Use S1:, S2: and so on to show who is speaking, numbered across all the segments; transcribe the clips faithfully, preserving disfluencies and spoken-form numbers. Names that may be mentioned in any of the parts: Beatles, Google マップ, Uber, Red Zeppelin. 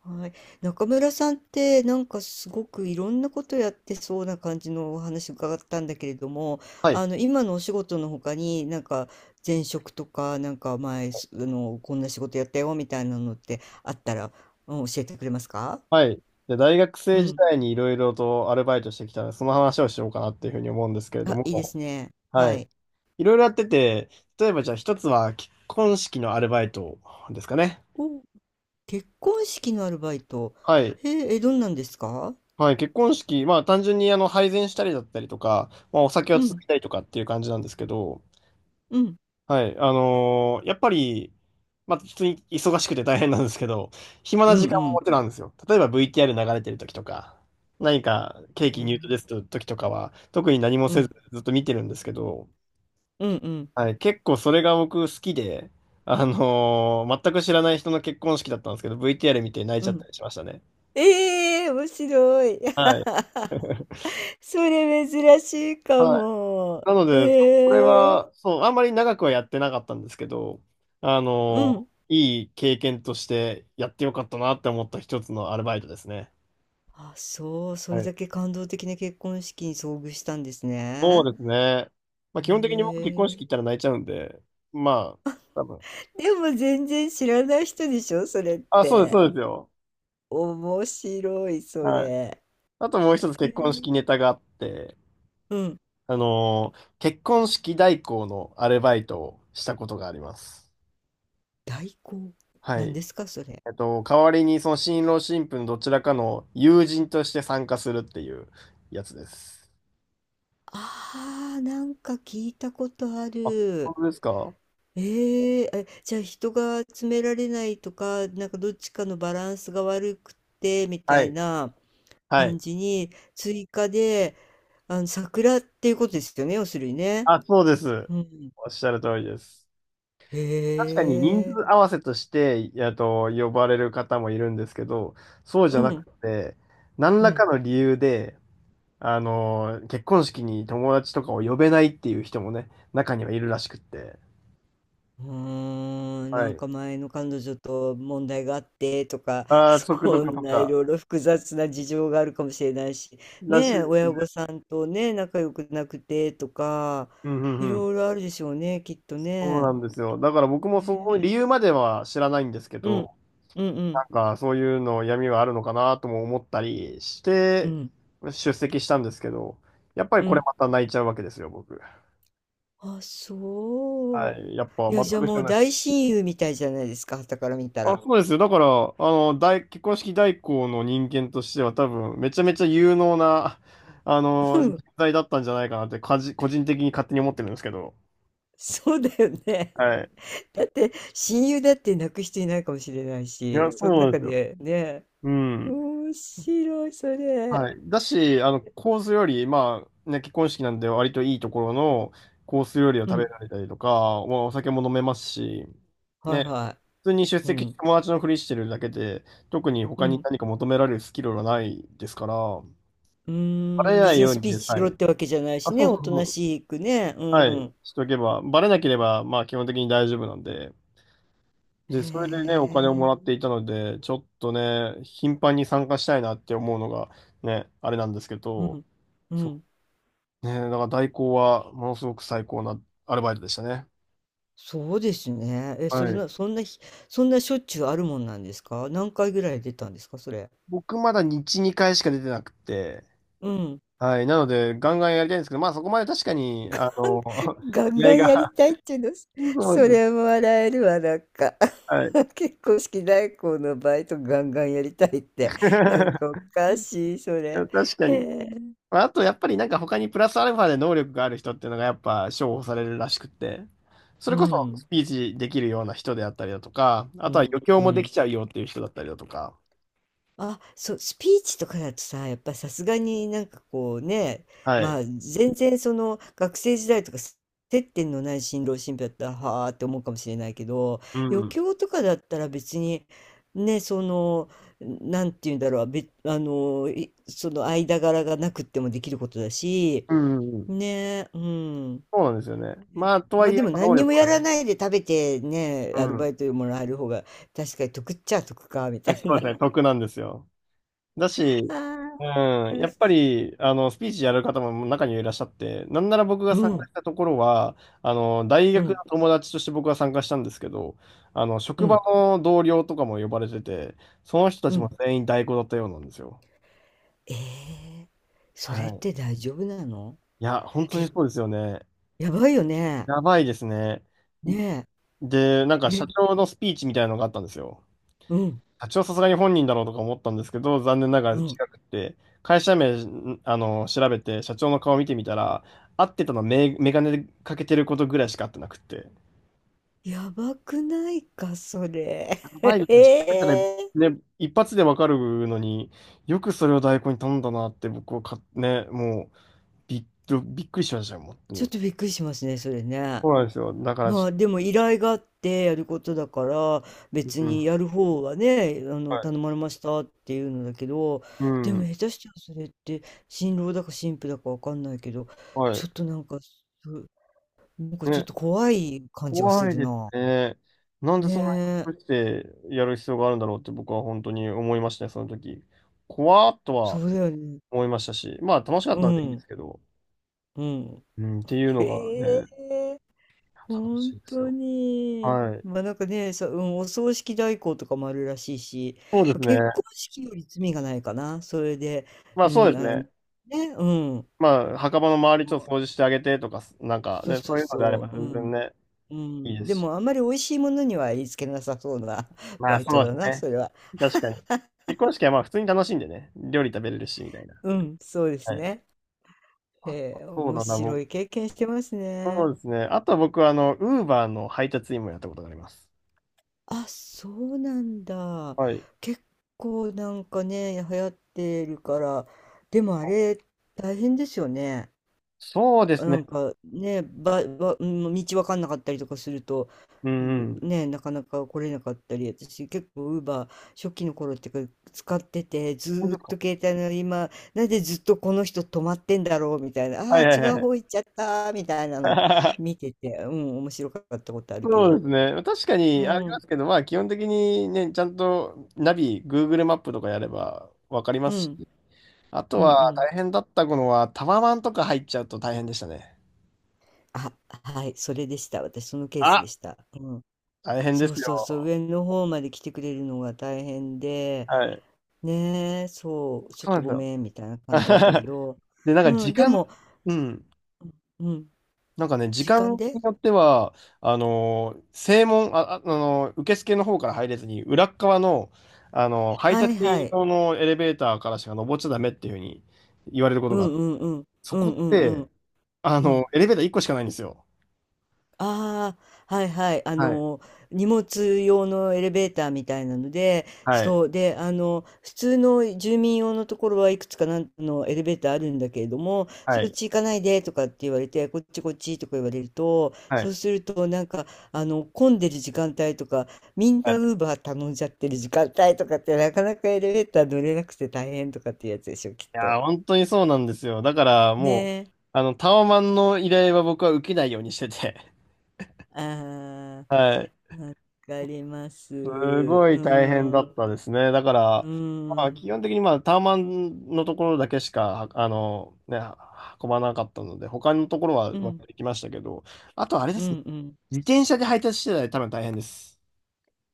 S1: はい、中村さんってなんかすごくいろんなことやってそうな感じのお話伺ったんだけれども、
S2: はい。
S1: あの今のお仕事の他になんか前職とかなんか前すあのこんな仕事やったよみたいなのってあったら、うん教えてくれますか？
S2: はい。で、大学
S1: う
S2: 生時
S1: ん。
S2: 代にいろいろとアルバイトしてきたので、その話をしようかなっていうふうに思うんですけれど
S1: あ、いいで
S2: も、
S1: すね。
S2: は
S1: は
S2: い。
S1: い。
S2: いろいろやってて、例えばじゃあ一つは結婚式のアルバイトですかね。
S1: お、結婚式のアルバイト。
S2: はい。
S1: へえ、え、どんなんですか？
S2: はい。結婚式、まあ単純にあの配膳したりだったりとか、まあお酒を
S1: う
S2: つい
S1: ん、
S2: たりとかっていう感じなんですけど、
S1: うん、
S2: はい。あのーやっぱり、まあ、普通に忙しくて大変なんですけど、暇
S1: う
S2: な
S1: ん、
S2: 時間
S1: う
S2: も
S1: ん。
S2: 持てなんですよ。例えば ブイティーアール 流れてる時とか、何かケ
S1: あ
S2: ーキ入刀で
S1: ー、
S2: すと時とかは、特に何も
S1: う
S2: せず
S1: ん、
S2: ずっと見てるんですけど、
S1: うん、うん、
S2: はい。結構それが僕好きで、あのー全く知らない人の結婚式だったんですけど、ブイティーアール 見て泣いち
S1: う
S2: ゃっ
S1: ん。
S2: たりしましたね。
S1: ええ、面白い。
S2: はい。
S1: それ珍しいか
S2: はい。
S1: も。
S2: なので、
S1: へ
S2: これ
S1: え。
S2: は、そう、あんまり長くはやってなかったんですけど、あ
S1: う
S2: の、
S1: ん。
S2: いい経験としてやってよかったなって思った一つのアルバイトですね。
S1: あ、そう、そ
S2: は
S1: れ
S2: い。
S1: だけ感動的な結婚式に遭遇したんです
S2: そ
S1: ね。
S2: うですね。まあ、
S1: へ
S2: 基本的に僕結婚式行った
S1: え。
S2: ら泣いちゃうんで、まあ、多分。
S1: でも全然知らない人でしょ、それっ
S2: あ、そうです、
S1: て。
S2: そうですよ。
S1: 面白い、そ
S2: はい。
S1: れ。
S2: あともう
S1: へ
S2: 一つ
S1: え、
S2: 結婚式ネタがあって、
S1: うん。
S2: あの、結婚式代行のアルバイトをしたことがあります。
S1: 代行。
S2: は
S1: なん
S2: い。
S1: ですか、それ。
S2: えっと、代わりにその新郎新婦のどちらかの友人として参加するっていうやつです。
S1: ああ、なんか聞いたことあ
S2: あ、本
S1: る。
S2: 当ですか
S1: ええ、あ、じゃあ人が詰められないとか、なんかどっちかのバランスが悪くてみ
S2: は
S1: たい
S2: い。
S1: な
S2: は
S1: 感
S2: い。
S1: じに追加で、あの桜っていうことですよね、要するにね。
S2: あ、そうです。
S1: うん。
S2: おっしゃる通りです。確かに人
S1: へえ。
S2: 数合わせとして、えっと、呼ばれる方もいるんですけど、そうじ
S1: う
S2: ゃな
S1: ん。
S2: くて、何
S1: う
S2: らか
S1: ん。
S2: の理由で、あの、結婚式に友達とかを呼べないっていう人もね、中にはいるらしくって。
S1: うーん、
S2: は
S1: なん
S2: い。
S1: か前の彼女と問題があってとか、
S2: ああ、族と
S1: そ
S2: かと
S1: んない
S2: か、
S1: ろいろ複雑な事情があるかもしれないし、
S2: らしい
S1: ねえ、
S2: です
S1: 親
S2: ね。
S1: 御さんとね、仲良くなくてとか、
S2: うんうん
S1: い
S2: うん。
S1: ろいろあるでしょうね、きっと
S2: そうな
S1: ね。
S2: んですよ。だから僕もその
S1: ね、
S2: 理由までは知らないんですけ
S1: うん、
S2: ど、
S1: うん、う
S2: な
S1: ん、
S2: んかそういうの闇はあるのかなとも思ったりし
S1: う
S2: て
S1: ん、
S2: 出席したんですけど、やっぱり
S1: う
S2: これ
S1: ん、
S2: また泣いちゃうわけですよ、僕。
S1: あ、そ
S2: は
S1: う。
S2: い。やっぱ
S1: いや、
S2: 全
S1: じゃあ
S2: く知
S1: も
S2: ら
S1: う
S2: ない。
S1: 大親友みたいじゃないですか、傍から見た
S2: あ、
S1: ら。
S2: そうですよ。だから、あの、大、結婚式代行の人間としては多分めちゃめちゃ有能な、あ
S1: う
S2: の、人
S1: ん、
S2: 材だったんじゃないかなって、かじ個人的に勝手に思ってるんですけど。
S1: そうだよね。
S2: はい。
S1: だって親友だって泣く人いないかもしれない
S2: い
S1: し、
S2: や、そ
S1: そ
S2: う
S1: の
S2: なん
S1: 中
S2: ですよ。
S1: でね、
S2: うん。
S1: 面白い、それ。
S2: はい。だし、あの、コース料理、まあ、ね、結婚式なんで割といいところのコース料理を
S1: う
S2: 食べ
S1: ん。
S2: られたりとか、まあ、お酒も飲めますし、
S1: はい
S2: ね、
S1: は
S2: 普通に出
S1: い。う
S2: 席して
S1: ん。
S2: 友達のふりしてるだけで、特に
S1: う
S2: 他に
S1: ん。
S2: 何か求められるスキルはないですから、
S1: う
S2: バ
S1: ー
S2: レ
S1: ん。
S2: な
S1: 別
S2: い
S1: に
S2: よう
S1: ス
S2: に
S1: ピーチ
S2: ね、
S1: し
S2: は
S1: ろっ
S2: い。
S1: てわけじゃない
S2: あ、
S1: し
S2: そ
S1: ね。
S2: うそう
S1: おと
S2: そ
S1: な
S2: う。
S1: しくね。う
S2: はい。
S1: ん。
S2: しておけば、バレなければ、まあ基本的に大丈夫なんで、
S1: へ
S2: で、それでね、お金をもらっ
S1: え。
S2: ていたので、ちょっとね、頻繁に参加したいなって思うのが、ね、あれなんですけ
S1: う
S2: ど、
S1: ん。うん。
S2: ねえ、だから代行はものすごく最高なアルバイトでしたね。
S1: そうですね。え、それ
S2: はい。
S1: な、そんなひ、そんなしょっちゅうあるもんなんですか、何回ぐらい出たんですか、それ。
S2: 僕まだ日にかいしか出てなくて、
S1: うん。
S2: はい。なので、ガンガンやりたいんですけど、まあそこまで確かに、あの、
S1: ガン
S2: 気
S1: ガ
S2: 合
S1: ンやり
S2: が、
S1: たいっていうの、
S2: そう
S1: そ
S2: ですね。
S1: れも笑えるわ、なんか。
S2: はい。
S1: 結婚式代行のバイトガンガンやりたいって、なんかお かしい、そ
S2: いや
S1: れ。
S2: 確か
S1: へ
S2: に。
S1: え。
S2: まああと、やっぱりなんか他にプラスアルファで能力がある人っていうのがやっぱ重宝されるらしくて、そ
S1: う
S2: れこそス
S1: ん、
S2: ピーチできるような人であったりだとか、あ
S1: う
S2: とは
S1: ん、
S2: 余興
S1: う
S2: もで
S1: ん。
S2: きちゃうよっていう人だったりだとか、
S1: あ、そう、スピーチとかだとさ、やっぱさすがになんかこうね、
S2: は
S1: ま
S2: い。
S1: あ全然その学生時代とかす接点のない新郎新婦だったらはあって思うかもしれないけど、
S2: う
S1: 余
S2: ん。
S1: 興とかだったら別にね、その、なんて言うんだろう、べ、あの、いその間柄がなくってもできることだし、
S2: うんうんうん
S1: ね、うん。
S2: そうなんですよね。まあ、とは
S1: ま
S2: い
S1: あ
S2: え、や
S1: で
S2: っ
S1: も
S2: ぱ能
S1: 何に
S2: 力
S1: もや
S2: は
S1: ら
S2: ね、
S1: ないで食べてね、
S2: う
S1: アル
S2: ん。
S1: バイトでもらえる方が確かに得っちゃ得か、みたい
S2: そう
S1: な。
S2: ですね、得なんですよ。だ
S1: あ
S2: し、う
S1: あ、お
S2: ん、
S1: か
S2: やっ
S1: し
S2: ぱ
S1: い。
S2: り、あの、スピーチやる方も中にはいらっしゃって、なんなら僕が
S1: う
S2: 参加
S1: ん。
S2: したところは、あの、大
S1: う
S2: 学の
S1: ん、
S2: 友達として僕は参加したんですけど、あの、
S1: う
S2: 職場
S1: ん、
S2: の同僚とかも呼ばれてて、その人た
S1: う
S2: ちも
S1: ん。
S2: 全員代行だったようなんですよ。
S1: ええ、そ
S2: は
S1: れっ
S2: い。
S1: て大丈夫なの？
S2: いや、本当に
S1: け、
S2: そうですよね。
S1: やばいよね。
S2: やばいですね。
S1: ね
S2: で、なんか
S1: え。
S2: 社
S1: え、
S2: 長のスピーチみたいなのがあったんですよ。
S1: うん、
S2: 社長さすがに本人だろうとか思ったんですけど、残念ながら
S1: う
S2: 違
S1: ん。
S2: くて、会社名、んあの、調べて、社長の顔見てみたら、合ってたのはメ、メガネかけてることぐらいしか合ってなくて。
S1: やばくないか、それ。
S2: やばいで す
S1: え
S2: ね。調べたら
S1: え。
S2: ね、一発でわかるのに、よくそれを代行に頼んだなって僕はか、ね、もう、びっ、びっくりしましたよ、本当
S1: ちょっ
S2: に。
S1: とびっくりしますね、それね。
S2: そうなんですよ。だから
S1: ま
S2: し、
S1: あ、でも依頼があってやることだから、
S2: う
S1: 別
S2: ん。
S1: に
S2: は
S1: やる方はね、あの、頼
S2: い。
S1: まれましたっていうのだけど、
S2: う
S1: でも
S2: ん。
S1: 下手したらそれって新郎だか新婦だかわかんないけど、
S2: は
S1: ちょ
S2: い。
S1: っとなんか、そなんかちょっと
S2: ね
S1: 怖い感じがす
S2: 怖い
S1: る
S2: です
S1: な。
S2: ね。なんで
S1: ね
S2: そんなに
S1: え、
S2: 隠してやる必要があるんだろうって僕は本当に思いましたね、その時。怖っと
S1: そ
S2: は
S1: うだよね。
S2: 思いましたし、まあ楽しかっ
S1: う
S2: たんでいいんで
S1: ん、
S2: すけど、
S1: うん。
S2: うん、っていうのが
S1: へえ、
S2: ね、楽
S1: 本
S2: しいです
S1: 当
S2: よ。
S1: に。
S2: はい。
S1: まあなんかね、さ、うん、お葬式代行とかもあるらしいし、
S2: そうで
S1: まあ
S2: すね。
S1: 結婚式より罪がないかな、それで。
S2: まあ
S1: う
S2: そうで
S1: ん、
S2: す
S1: あ、
S2: ね。
S1: ね、うん。
S2: まあ墓場の
S1: で
S2: 周りちょっと
S1: も
S2: 掃除してあげてとか、なんか
S1: そう
S2: ね、
S1: そ
S2: そう
S1: う
S2: いうのであれ
S1: そ
S2: ば
S1: う、う
S2: 全然
S1: ん、
S2: ね、
S1: う
S2: いいで
S1: ん。
S2: す
S1: で
S2: し。
S1: もあんまり美味しいものには言いつけなさそうな
S2: ま
S1: バ
S2: あ
S1: イト
S2: そうで
S1: だ
S2: す
S1: な、
S2: ね。
S1: それは。
S2: 確かに。結婚式はまあ普通に楽しんでね、料理食べれるし、みたいな。
S1: うん、そうです
S2: はい。
S1: ね。
S2: あ、
S1: えー、
S2: そう
S1: 面
S2: だな、
S1: 白
S2: 僕
S1: い経験してます
S2: そ
S1: ね。
S2: うですね。あとは僕は、あの、ウーバーの配達員もやったことがあります。
S1: あ、そうなんだ。
S2: はい。
S1: 結構なんかね、流行ってるから、でもあ
S2: あ
S1: れ大変ですよね。
S2: そうです
S1: な
S2: ね。
S1: んかね、ば、ば、うん、道わかんなかったりとかすると、
S2: う
S1: う
S2: んう
S1: ん、
S2: ん。
S1: ね、なかなか来れなかったり、私結構ウーバー初期の頃っていうか使ってて、ず
S2: 本
S1: ー
S2: 当
S1: っ
S2: です
S1: と
S2: か
S1: 携帯の今、なんでずっとこの人止まってんだろうみたいな、
S2: は
S1: ああ
S2: いはい
S1: ー、違う
S2: はい
S1: 方行っちゃったみたいなの
S2: はい。
S1: 見てて、うん、面白かったことあ るけ
S2: そうで
S1: ど。
S2: すね。確か
S1: う
S2: にありま
S1: ん、
S2: すけど、まあ基本的にね、ちゃんとナビ、グーグル マップとかやればわかりま
S1: う
S2: す
S1: ん、
S2: し、あと
S1: うん、う
S2: は大
S1: ん。
S2: 変だったのはタワマンとか入っちゃうと大変でしたね。
S1: あ、はい、それでした。私、そのケースで
S2: あ、
S1: した。うん。
S2: 大変で
S1: そう
S2: す
S1: そうそう、
S2: よ。
S1: 上の方まで来てくれるのが大変で、
S2: はい。
S1: ねえ、そう、ちょ
S2: そ
S1: っ
S2: うなん
S1: と
S2: です
S1: ご
S2: よ。
S1: めん、みたいな感じだったけ ど、
S2: で、なんか
S1: う
S2: 時
S1: ん、で
S2: 間、
S1: も、
S2: うん。
S1: うん、うん、
S2: なんかね、時
S1: 時
S2: 間
S1: 間で、
S2: によっては、あのー正門、あ、ああのー受付の方から入れずに、裏っ側の、あのー配
S1: はい
S2: 達
S1: は
S2: 員
S1: い、
S2: 用のエレベーターからしか登っちゃダメっていうふうに言われるこ
S1: う
S2: とがあって、
S1: んうんうん、
S2: そ
S1: う
S2: こっ
S1: んうんう
S2: て、
S1: ん、
S2: あ
S1: う
S2: の
S1: ん。
S2: ーエレベーターいっこしかないんですよ。
S1: ああ、はいはい。あ
S2: はい。
S1: の、荷物用のエレベーターみたいなので、
S2: はい、
S1: そう。で、あの、普通の住民用のところはいくつかなんのエレベーターあるんだけれども、
S2: は
S1: そっ
S2: い、
S1: ち行かないでとかって言われて、こっちこっちとか言われると、
S2: は
S1: そう
S2: い。
S1: すると、なんか、あの、混んでる時間帯とか、みん
S2: はい、
S1: な
S2: い
S1: ウーバー頼んじゃってる時間帯とかって、なかなかエレベーター乗れなくて大変とかっていうやつでしょ、きっと。
S2: やー、本当にそうなんですよ。だから、
S1: ね
S2: もう、
S1: え。
S2: あの、タワマンの依頼は僕は受けないようにしてて、
S1: あ
S2: はい。
S1: あ、わかります。
S2: すご
S1: う
S2: い大変だっ
S1: ん。
S2: たですね。だか
S1: う
S2: ら、
S1: ー
S2: まあ、
S1: ん。
S2: 基本的にまあタワマンのところだけしか、あの、ね、運ばなかったので、他のところは
S1: う
S2: まあ
S1: ん。
S2: 行きましたけど、あとあれで
S1: う
S2: すね。
S1: んうん。
S2: 自転車で配達してたら多分大変です。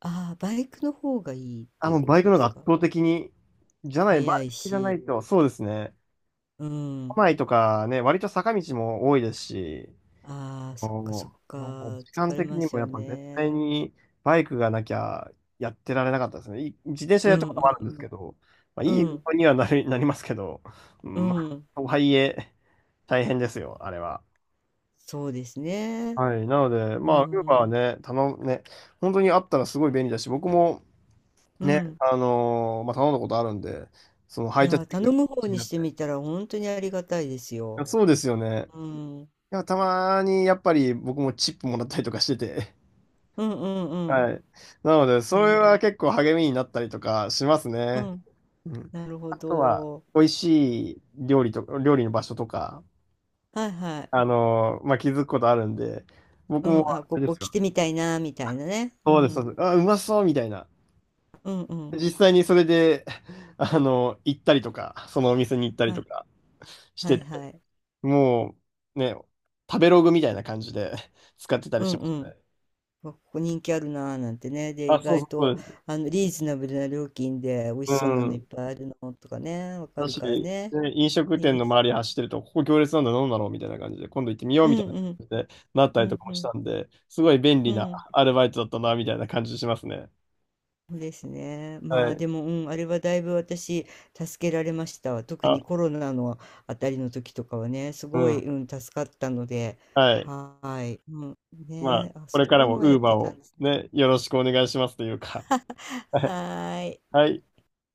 S1: ああ、バイクの方がいいって
S2: あ
S1: い
S2: も
S1: う
S2: う
S1: こ
S2: バイク
S1: と
S2: の
S1: で
S2: 方が
S1: す
S2: 圧
S1: か。
S2: 倒的に、じゃない、バ
S1: 速い
S2: イクじゃな
S1: し。
S2: いと、そうですね。
S1: うん。
S2: 都内とかね、割と坂道も多いですし、
S1: ああ、
S2: あ
S1: そっかそ
S2: ー
S1: っか。
S2: まあ、時
S1: 疲
S2: 間
S1: れ
S2: 的
S1: ま
S2: に
S1: す
S2: もや
S1: よ
S2: っぱ絶対
S1: ね。
S2: にバイクがなきゃやってられなかったですね。い自転車
S1: う
S2: やった
S1: ん
S2: こともあるん
S1: う
S2: で
S1: ん
S2: すけど、まあ、い
S1: う
S2: い運
S1: ん、
S2: 動にはなり、なりますけど、う
S1: う
S2: んまあ、
S1: ん。
S2: とはいえ、大変ですよ、あれは。
S1: そうですね。
S2: はい。なので、
S1: う
S2: まあ、ウーバーは
S1: ん。
S2: ね、頼む、ね、本当にあったらすごい便利だし、僕も
S1: う
S2: ね、
S1: ん。
S2: あのーまあ、頼んだことあるんで、その
S1: い
S2: 配
S1: や
S2: 達
S1: ー、
S2: 員が
S1: 頼む方
S2: 気に
S1: に
S2: な
S1: し
S2: っ
S1: て
S2: て。
S1: みたら本当にありがたいです
S2: い
S1: よ。
S2: やそうですよね。
S1: うん。うん
S2: いや、たまにやっぱり僕もチップもらったりとかしてて、
S1: うんうん。
S2: はい。なので、それ
S1: ねえ。
S2: は結構励みになったりとかします
S1: う
S2: ね。
S1: ん。
S2: うん。
S1: なるほ
S2: あとは、
S1: ど。
S2: 美味しい料理とか、料理の場所とか、
S1: はいはい。
S2: あのーまあ、気づくことあるんで、僕
S1: う
S2: も、
S1: ん。あ、
S2: あ
S1: こ
S2: れで
S1: こ
S2: す
S1: 来
S2: よ。
S1: てみたいな、みたいなね。う
S2: そうです、そう
S1: ん。
S2: です。あ、うまそうみたいな。
S1: うんうん。
S2: 実際にそれで、あの行ったりとか、そのお店に行ったり
S1: は
S2: と
S1: い。
S2: かし
S1: は
S2: て
S1: い
S2: て、
S1: はい。
S2: もう、ね、食べログみたいな感じで 使ってた
S1: う
S2: り
S1: ん
S2: しま
S1: う
S2: す
S1: ん。
S2: ね。
S1: わ、ここ人気あるなーなんてね。で、意
S2: あ、そうそ
S1: 外
S2: う、そ
S1: と、
S2: うです。
S1: あの、リーズナブルな料金で美味
S2: う
S1: しそうなのいっ
S2: ん。
S1: ぱいあるのとかね、わか
S2: だ
S1: る
S2: し、
S1: から
S2: で、
S1: ね。
S2: 飲食
S1: いい
S2: 店
S1: で
S2: の
S1: す。
S2: 周り走ってると、ここ行列なんだ、どうだろうみたいな感じで、今度行ってみよう
S1: う
S2: みたいな
S1: んう
S2: 感
S1: ん。
S2: じでなった
S1: う
S2: りと
S1: ん
S2: かも
S1: う
S2: し
S1: ん。
S2: たんで、すごい便
S1: う
S2: 利な
S1: ん。
S2: アルバイトだったな、みたいな感じしますね。
S1: そうですね。
S2: は
S1: まあ
S2: い。
S1: でも、うん、あれはだいぶ私、助けられましたわ。特
S2: あ、
S1: にコロナのあたりの時とかはね、す
S2: う
S1: ごい、
S2: ん。
S1: うん、助かったので、
S2: はい。
S1: はーい。うん。
S2: まあ、
S1: ね、あ、
S2: これか
S1: そう
S2: ら
S1: いうの
S2: も
S1: もやって
S2: ウーバー
S1: たん
S2: を
S1: ですね。
S2: ね、よろしくお願いしますというか。はい。
S1: はーい。
S2: はい。